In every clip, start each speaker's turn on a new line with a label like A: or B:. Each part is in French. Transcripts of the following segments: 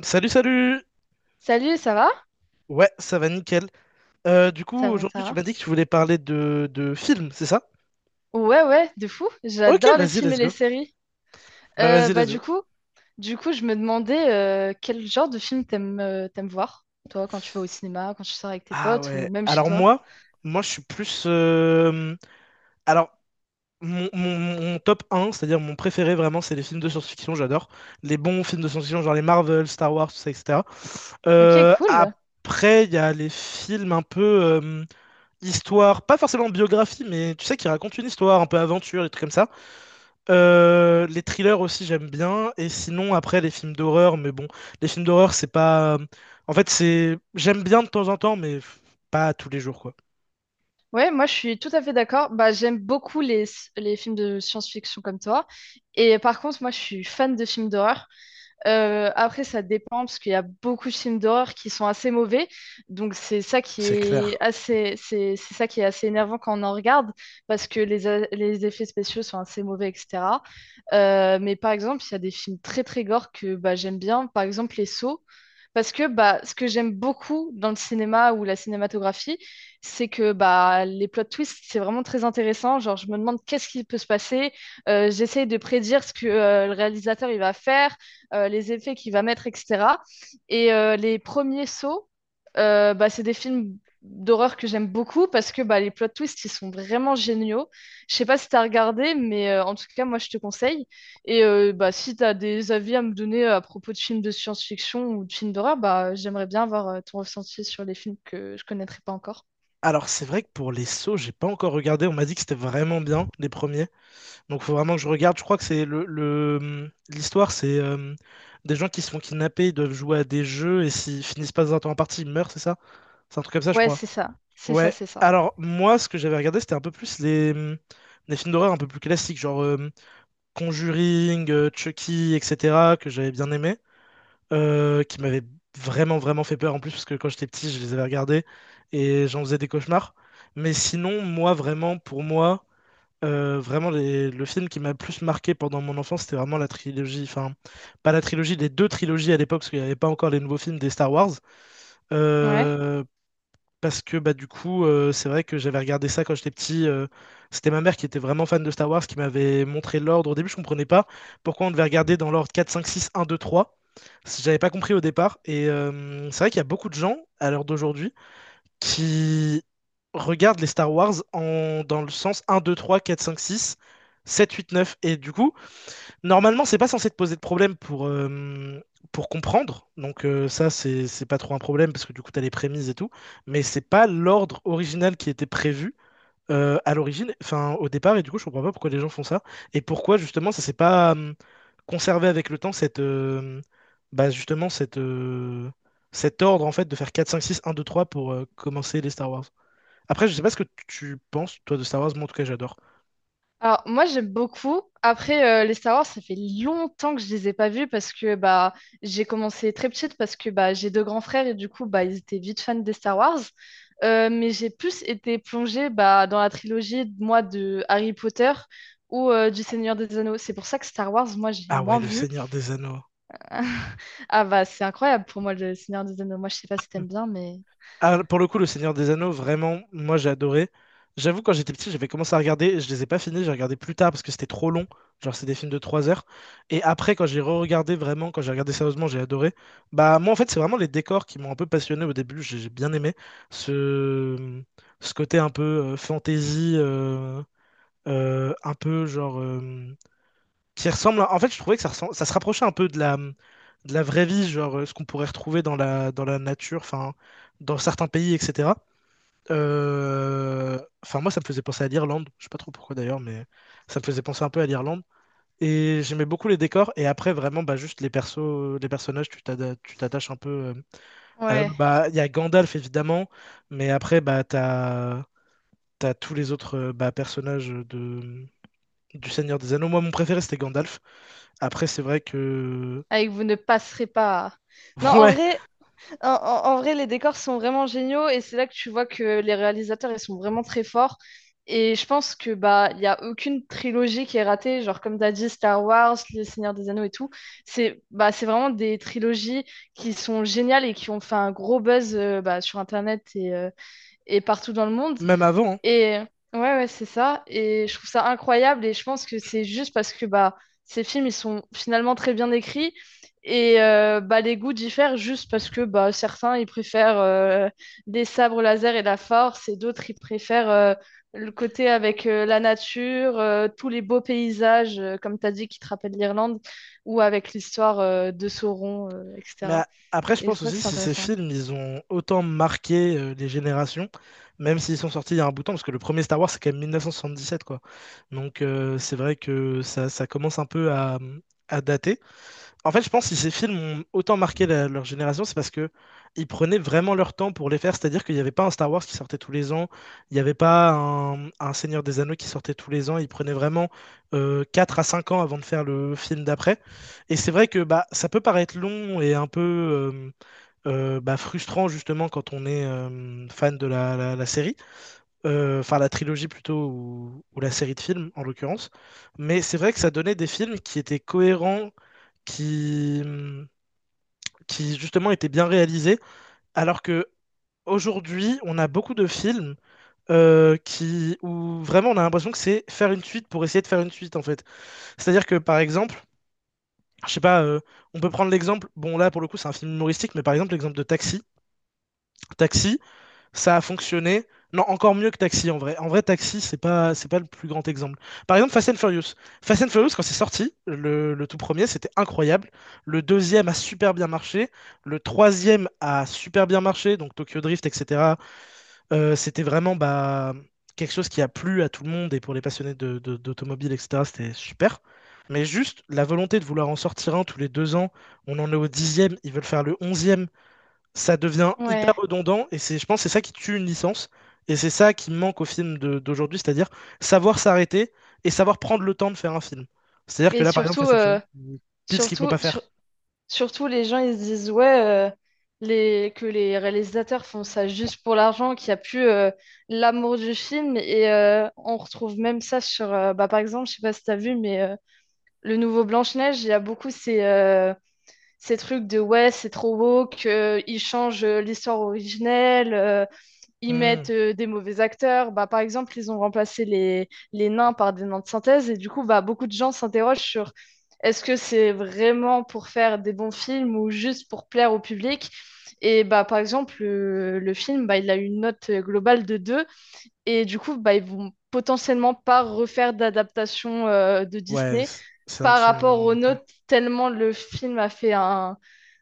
A: Salut, salut!
B: Salut, ça va?
A: Ouais, ça va nickel. Du coup,
B: Ça va,
A: aujourd'hui,
B: ça
A: tu m'as
B: va.
A: dit que tu voulais parler de films, c'est ça?
B: Ouais, ouais, de fou.
A: Ok,
B: J'adore les
A: vas-y,
B: films et
A: let's
B: les
A: go.
B: séries.
A: Bah,
B: Euh,
A: vas-y,
B: bah
A: let's
B: du
A: go.
B: coup, du coup, je me demandais quel genre de film t'aimes t'aimes voir, toi, quand tu vas au cinéma, quand tu sors avec tes
A: Ah
B: potes ou
A: ouais,
B: même chez
A: alors
B: toi.
A: moi, moi, je suis plus... Alors, mon top un, c'est-à-dire mon préféré vraiment, c'est les films de science-fiction, j'adore. Les bons films de science-fiction, genre les Marvel, Star Wars, tout ça, etc.
B: Ok, cool.
A: Après, il y a les films un peu histoire, pas forcément biographie, mais tu sais, qui racontent une histoire, un peu aventure, des trucs comme ça. Les thrillers aussi j'aime bien, et sinon après les films d'horreur, mais bon, les films d'horreur c'est pas, en fait c'est, j'aime bien de temps en temps mais pas tous les jours quoi.
B: Ouais, moi je suis tout à fait d'accord. Bah j'aime beaucoup les films de science-fiction comme toi. Et par contre, moi je suis fan de films d'horreur. Après, ça dépend parce qu'il y a beaucoup de films d'horreur qui sont assez mauvais. Donc,
A: C'est clair.
B: c'est ça qui est assez énervant quand on en regarde parce que les effets spéciaux sont assez mauvais, etc. Mais par exemple, il y a des films très très gore que bah, j'aime bien. Par exemple, Les Sceaux. Parce que bah, ce que j'aime beaucoup dans le cinéma ou la cinématographie, c'est que bah, les plot twists, c'est vraiment très intéressant. Genre, je me demande qu'est-ce qui peut se passer. J'essaye de prédire ce que le réalisateur il va faire les effets qu'il va mettre, etc. Les premiers sauts, bah, c'est des films d'horreur que j'aime beaucoup parce que bah, les plot twists, ils sont vraiment géniaux. Je sais pas si tu as regardé, mais en tout cas, moi, je te conseille. Bah, si tu as des avis à me donner à propos de films de science-fiction ou de films d'horreur, bah, j'aimerais bien avoir ton ressenti sur les films que je connaîtrais pas encore.
A: Alors c'est vrai que pour les sauts j'ai pas encore regardé, on m'a dit que c'était vraiment bien les premiers, donc faut vraiment que je regarde. Je crois que c'est le l'histoire c'est des gens qui se font kidnapper, ils doivent jouer à des jeux et s'ils finissent pas dans un temps imparti ils meurent, c'est ça? C'est un truc comme ça je
B: Ouais,
A: crois.
B: c'est ça. C'est ça,
A: Ouais,
B: c'est ça.
A: alors moi ce que j'avais regardé c'était un peu plus les films d'horreur un peu plus classiques, genre Conjuring, Chucky, etc., que j'avais bien aimé, qui m'avaient vraiment, vraiment fait peur en plus, parce que quand j'étais petit, je les avais regardés et j'en faisais des cauchemars. Mais sinon, moi, vraiment, pour moi, vraiment, le film qui m'a le plus marqué pendant mon enfance, c'était vraiment la trilogie, enfin, pas la trilogie, les deux trilogies à l'époque, parce qu'il n'y avait pas encore les nouveaux films des Star Wars.
B: Ouais.
A: Euh, Parce que bah, du coup, c'est vrai que j'avais regardé ça quand j'étais petit. C'était ma mère qui était vraiment fan de Star Wars qui m'avait montré l'ordre. Au début, je comprenais pas pourquoi on devait regarder dans l'ordre quatre cinq six un deux trois. J'avais pas compris au départ. Et c'est vrai qu'il y a beaucoup de gens, à l'heure d'aujourd'hui, qui regardent les Star Wars dans le sens un 2 3 4 5 6 7 8 neuf. Et du coup, normalement, c'est pas censé te poser de problème pour comprendre. Donc ça, c'est pas trop un problème parce que du coup, t'as les prémices et tout. Mais c'est pas l'ordre original qui était prévu à l'origine, enfin au départ. Et du coup, je comprends pas pourquoi les gens font ça. Et pourquoi justement, ça s'est pas conservé avec le temps, cette, bah, justement, cette, cet ordre en fait de faire quatre, cinq, six, un, deux, trois pour commencer les Star Wars. Après, je sais pas ce que tu penses, toi, de Star Wars. Moi, en tout cas, j'adore.
B: Alors, moi, j'aime beaucoup. Après, les Star Wars, ça fait longtemps que je les ai pas vus parce que bah, j'ai commencé très petite parce que bah, j'ai deux grands frères et du coup, bah, ils étaient vite fans des Star Wars. Mais j'ai plus été plongée bah, dans la trilogie, moi, de Harry Potter ou du Seigneur des Anneaux. C'est pour ça que Star Wars, moi, j'ai
A: Ah ouais,
B: moins
A: le
B: vu.
A: Seigneur des Anneaux.
B: Ah bah c'est incroyable pour moi le Seigneur des Anneaux. Moi je sais pas si t'aimes bien mais
A: Ah, pour le coup, le Seigneur des Anneaux, vraiment, moi j'ai adoré. J'avoue, quand j'étais petit, j'avais commencé à regarder, je les ai pas finis, j'ai regardé plus tard parce que c'était trop long. Genre, c'est des films de 3 heures. Et après, quand j'ai re-regardé vraiment, quand j'ai regardé sérieusement, j'ai adoré. Bah, moi en fait, c'est vraiment les décors qui m'ont un peu passionné au début, j'ai bien aimé. Ce, ce côté un peu fantasy, un peu genre. Qui ressemble. En fait, je trouvais que ça se rapprochait un peu de de la vraie vie, genre ce qu'on pourrait retrouver dans dans la nature, enfin, dans certains pays, etc. Enfin, moi, ça me faisait penser à l'Irlande. Je sais pas trop pourquoi d'ailleurs, mais ça me faisait penser un peu à l'Irlande. Et j'aimais beaucoup les décors. Et après, vraiment, bah, juste les persos, les personnages, tu t'attaches un peu à eux.
B: ouais,
A: Bah, il y a Gandalf évidemment, mais après, bah, t'as tous les autres bah, personnages de du Seigneur des Anneaux. Moi, mon préféré, c'était Gandalf. Après, c'est vrai que
B: avec vous ne passerez pas. Non en
A: ouais,
B: vrai, en vrai les décors sont vraiment géniaux et c'est là que tu vois que les réalisateurs ils sont vraiment très forts et je pense que bah il y a aucune trilogie qui est ratée genre comme t'as dit Star Wars, le Seigneur des Anneaux et tout. C'est vraiment des trilogies qui sont géniales et qui ont fait un gros buzz bah, sur Internet et partout dans le monde.
A: même avant, hein.
B: Et ouais, ouais, c'est ça. Et je trouve ça incroyable. Et je pense que c'est juste parce que bah, ces films, ils sont finalement très bien écrits. Bah, les goûts diffèrent juste parce que bah, certains, ils préfèrent les sabres laser et la force. Et d'autres, ils préfèrent le côté avec la nature, tous les beaux paysages, comme tu as dit, qui te rappellent l'Irlande, ou avec l'histoire de Sauron,
A: Mais
B: etc.
A: après, je
B: Et je
A: pense
B: crois que
A: aussi
B: c'est
A: si ces
B: intéressant.
A: films, ils ont autant marqué les générations, même s'ils sont sortis il y a un bout de temps, parce que le premier Star Wars, c'est quand même 1977, quoi. Donc c'est vrai que ça commence un peu à dater. En fait, je pense que si ces films ont autant marqué leur génération, c'est parce que ils prenaient vraiment leur temps pour les faire. C'est-à-dire qu'il n'y avait pas un Star Wars qui sortait tous les ans, il n'y avait pas un Seigneur des Anneaux qui sortait tous les ans. Ils prenaient vraiment 4 à 5 ans avant de faire le film d'après. Et c'est vrai que bah, ça peut paraître long et un peu bah, frustrant justement quand on est fan de la série. Enfin la trilogie plutôt, ou la série de films en l'occurrence. Mais c'est vrai que ça donnait des films qui étaient cohérents, qui qui justement étaient bien réalisés, alors que aujourd'hui, on a beaucoup de films où vraiment on a l'impression que c'est faire une suite pour essayer de faire une suite en fait. C'est-à-dire que par exemple, je sais pas, on peut prendre l'exemple, bon là pour le coup c'est un film humoristique, mais par exemple l'exemple de Taxi. Taxi, ça a fonctionné. Non, encore mieux que Taxi en vrai. En vrai, Taxi, c'est pas le plus grand exemple. Par exemple, Fast and Furious. Fast and Furious, quand c'est sorti, le tout premier, c'était incroyable. Le deuxième a super bien marché. Le troisième a super bien marché. Donc Tokyo Drift, etc. C'était vraiment bah, quelque chose qui a plu à tout le monde et pour les passionnés de, d'automobile, etc. C'était super. Mais juste la volonté de vouloir en sortir un tous les 2 ans, on en est au dixième, ils veulent faire le onzième, ça devient hyper
B: Ouais.
A: redondant et c'est, je pense, que c'est ça qui tue une licence et c'est ça qui manque au film d'aujourd'hui, c'est-à-dire savoir s'arrêter et savoir prendre le temps de faire un film. C'est-à-dire que
B: Et
A: là, par exemple,
B: surtout,
A: Fast and Furious, c'est pile ce qu'il faut
B: surtout,
A: pas faire.
B: sur- surtout, les gens, ils se disent, ouais, euh, que les réalisateurs font ça juste pour l'argent, qu'il n'y a plus l'amour du film. On retrouve même ça sur, bah, par exemple, je sais pas si tu as vu, mais le nouveau Blanche-Neige, il y a beaucoup ces trucs de, ouais, c'est trop beau, qu'ils changent l'histoire originelle. Ils
A: Hmm.
B: mettent des mauvais acteurs. Bah, par exemple, ils ont remplacé les nains par des nains de synthèse. Et du coup, bah, beaucoup de gens s'interrogent sur est-ce que c'est vraiment pour faire des bons films ou juste pour plaire au public? Et bah, par exemple, le film, bah, il a une note globale de deux. Et du coup, bah, ils vont potentiellement pas refaire d'adaptation de
A: Ouais,
B: Disney
A: c'est un des
B: par
A: films
B: rapport
A: moins
B: aux
A: notés.
B: notes, tellement le film a fait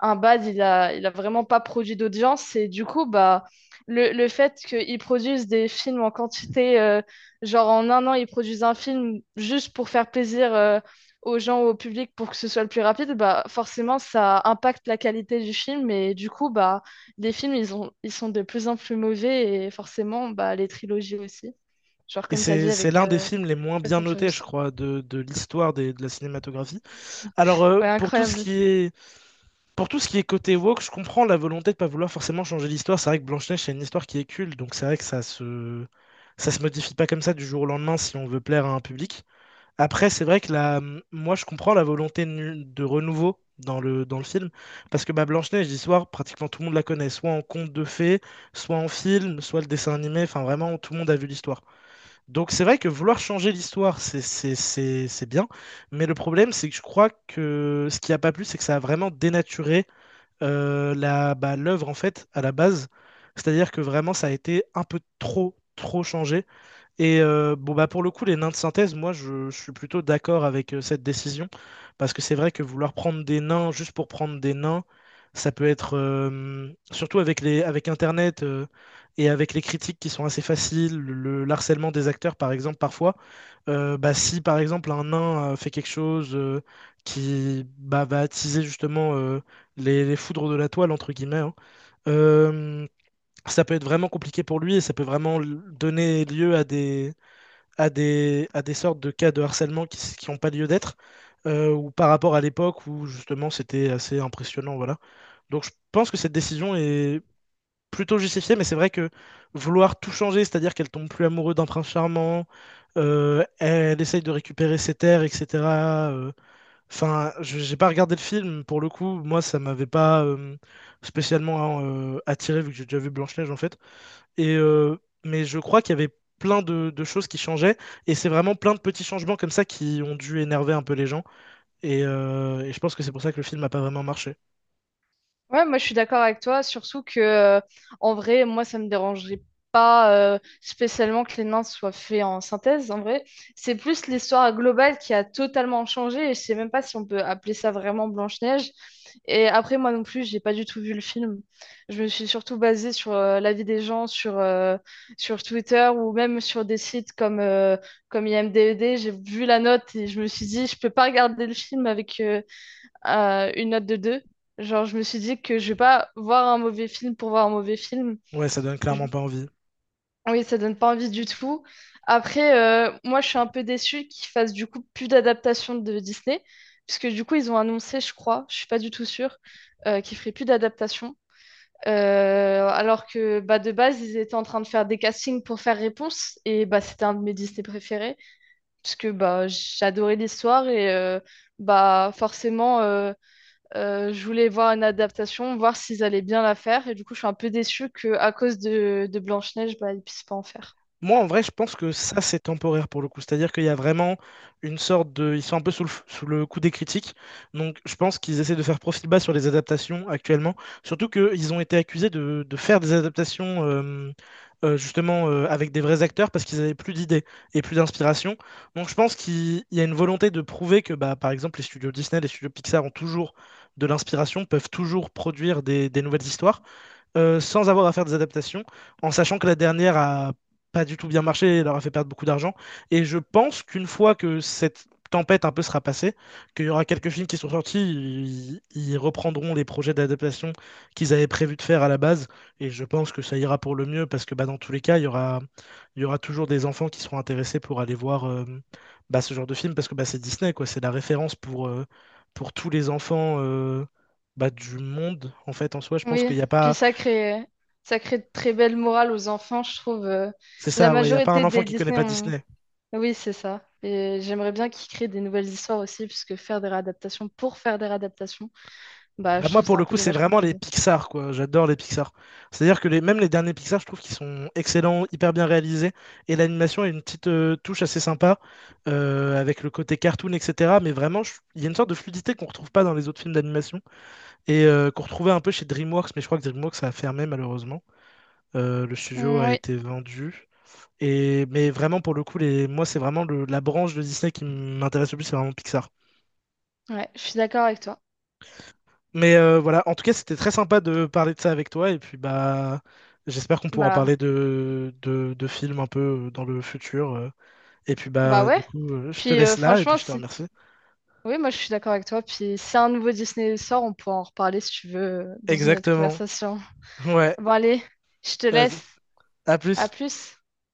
B: un bad, il a vraiment pas produit d'audience. Et du coup, bah, le fait qu'ils produisent des films en quantité, genre en un an, ils produisent un film juste pour faire plaisir aux gens, au public, pour que ce soit le plus rapide, bah, forcément, ça impacte la qualité du film. Et du coup, bah, les films, ils sont de plus en plus mauvais. Et forcément, bah, les trilogies aussi. Genre,
A: Et
B: comme tu as dit
A: c'est
B: avec
A: l'un des films les moins
B: Fast
A: bien
B: and
A: notés, je
B: Furious.
A: crois, de, l'histoire de la cinématographie. Alors,
B: Ouais,
A: pour tout ce
B: incroyable.
A: qui est, pour tout ce qui est côté woke, je comprends la volonté de pas vouloir forcément changer l'histoire. C'est vrai que Blanche-Neige, c'est une histoire qui est culte, donc c'est vrai que ça se modifie pas comme ça du jour au lendemain si on veut plaire à un public. Après, c'est vrai que la... moi, je comprends la volonté de renouveau dans le film, parce que bah, Blanche-Neige, l'histoire, pratiquement tout le monde la connaît, soit en conte de fées, soit en film, soit le dessin animé, enfin vraiment, tout le monde a vu l'histoire. Donc c'est vrai que vouloir changer l'histoire, c'est bien, mais le problème, c'est que je crois que ce qui a pas plu, c'est que ça a vraiment dénaturé l'œuvre en fait à la base. C'est-à-dire que vraiment ça a été un peu trop changé. Et bon bah pour le coup les nains de synthèse, moi je suis plutôt d'accord avec cette décision, parce que c'est vrai que vouloir prendre des nains juste pour prendre des nains, ça peut être surtout avec les avec Internet et avec les critiques qui sont assez faciles, le harcèlement des acteurs par exemple parfois, bah, si par exemple un nain fait quelque chose qui bah, va attiser justement les foudres de la toile, entre guillemets, hein, euh, ça peut être vraiment compliqué pour lui et ça peut vraiment donner lieu à à des sortes de cas de harcèlement qui n'ont pas lieu d'être, ou par rapport à l'époque où justement c'était assez impressionnant, voilà. Donc je pense que cette décision est plutôt justifié, mais c'est vrai que vouloir tout changer, c'est-à-dire qu'elle tombe plus amoureuse d'un prince charmant, elle essaye de récupérer ses terres, etc. euh, Enfin, je j'ai pas regardé le film, pour le coup, moi ça m'avait pas spécialement hein, attiré vu que j'ai déjà vu Blanche-Neige en fait. Et, euh, mais je crois qu'il y avait plein de choses qui changeaient, et c'est vraiment plein de petits changements comme ça qui ont dû énerver un peu les gens. Et je pense que c'est pour ça que le film n'a pas vraiment marché.
B: Ouais, moi je suis d'accord avec toi, surtout que en vrai, moi ça me dérangerait pas spécialement que les nains soient faits en synthèse. En vrai, c'est plus l'histoire globale qui a totalement changé et je sais même pas si on peut appeler ça vraiment Blanche-Neige. Et après, moi non plus, j'ai pas du tout vu le film. Je me suis surtout basée sur l'avis des gens sur, sur Twitter ou même sur des sites comme, comme IMDb. J'ai vu la note et je me suis dit, je peux pas regarder le film avec, une note de deux. Genre, je me suis dit que je vais pas voir un mauvais film pour voir un mauvais film.
A: Ouais, ça donne
B: Je-
A: clairement pas envie.
B: Oui, ça donne pas envie du tout. Après, moi, je suis un peu déçue qu'ils fassent du coup plus d'adaptation de Disney, puisque du coup, ils ont annoncé, je crois, je suis pas du tout sûre, qu'ils feraient plus d'adaptation. Alors que bah, de base, ils étaient en train de faire des castings pour faire Réponse, et bah, c'était un de mes Disney préférés, puisque bah, j'adorais l'histoire, bah, forcément. Je voulais voir une adaptation, voir s'ils allaient bien la faire. Et du coup, je suis un peu déçue qu'à cause de Blanche-Neige, bah, ils ne puissent pas en faire.
A: Moi, en vrai, je pense que ça, c'est temporaire pour le coup. C'est-à-dire qu'il y a vraiment une sorte de... Ils sont un peu sous sous le coup des critiques. Donc, je pense qu'ils essaient de faire profil bas sur les adaptations actuellement. Surtout qu'ils ont été accusés de faire des adaptations justement avec des vrais acteurs parce qu'ils avaient plus d'idées et plus d'inspiration. Donc, je pense qu'il il y a une volonté de prouver que, bah, par exemple, les studios Disney, les studios Pixar ont toujours de l'inspiration, peuvent toujours produire des nouvelles histoires sans avoir à faire des adaptations, en sachant que la dernière a pas du tout bien marché et leur a fait perdre beaucoup d'argent. Et je pense qu'une fois que cette tempête un peu sera passée, qu'il y aura quelques films qui sont sortis, ils reprendront les projets d'adaptation qu'ils avaient prévu de faire à la base. Et je pense que ça ira pour le mieux parce que bah, dans tous les cas, il y aura toujours des enfants qui seront intéressés pour aller voir bah, ce genre de film parce que bah, c'est Disney, quoi. C'est la référence pour tous les enfants. Bah, du monde en fait en soi je pense
B: Oui,
A: qu'il n'y a
B: puis
A: pas.
B: ça crée, ça crée de très belles morales aux enfants, je trouve.
A: C'est
B: La
A: ça, ouais, il n'y a pas un
B: majorité
A: enfant
B: des
A: qui connaît
B: Disney
A: pas
B: ont...
A: Disney.
B: Oui, c'est ça. Et j'aimerais bien qu'ils créent des nouvelles histoires aussi, puisque faire des réadaptations pour faire des réadaptations, bah,
A: Bah
B: je
A: moi
B: trouve
A: pour
B: ça un
A: le
B: peu
A: coup c'est
B: dommage, comme
A: vraiment
B: t'as
A: les
B: dit.
A: Pixar quoi, j'adore les Pixar. C'est-à-dire que les, même les derniers Pixar je trouve qu'ils sont excellents, hyper bien réalisés, et l'animation a une petite touche assez sympa, avec le côté cartoon, etc. Mais vraiment il y a une sorte de fluidité qu'on retrouve pas dans les autres films d'animation, et qu'on retrouvait un peu chez DreamWorks, mais je crois que DreamWorks a fermé malheureusement. Le studio
B: Mm,
A: a
B: oui,
A: été vendu. Mais vraiment pour le coup les, moi c'est vraiment la branche de Disney qui m'intéresse le plus, c'est vraiment Pixar.
B: ouais, je suis d'accord avec toi.
A: Mais voilà, en tout cas, c'était très sympa de parler de ça avec toi. Et puis, bah, j'espère qu'on pourra
B: Bah,
A: parler de, de films un peu dans le futur. Et puis,
B: bah
A: bah,
B: ouais.
A: du coup, je te
B: Puis
A: laisse là et puis
B: franchement,
A: je te
B: si
A: remercie.
B: Oui, moi je suis d'accord avec toi. Puis si un nouveau Disney sort, on pourra en reparler si tu veux dans une autre
A: Exactement.
B: conversation.
A: Ouais.
B: Bon, allez, je te
A: Vas-y.
B: laisse.
A: À
B: À
A: plus.
B: plus.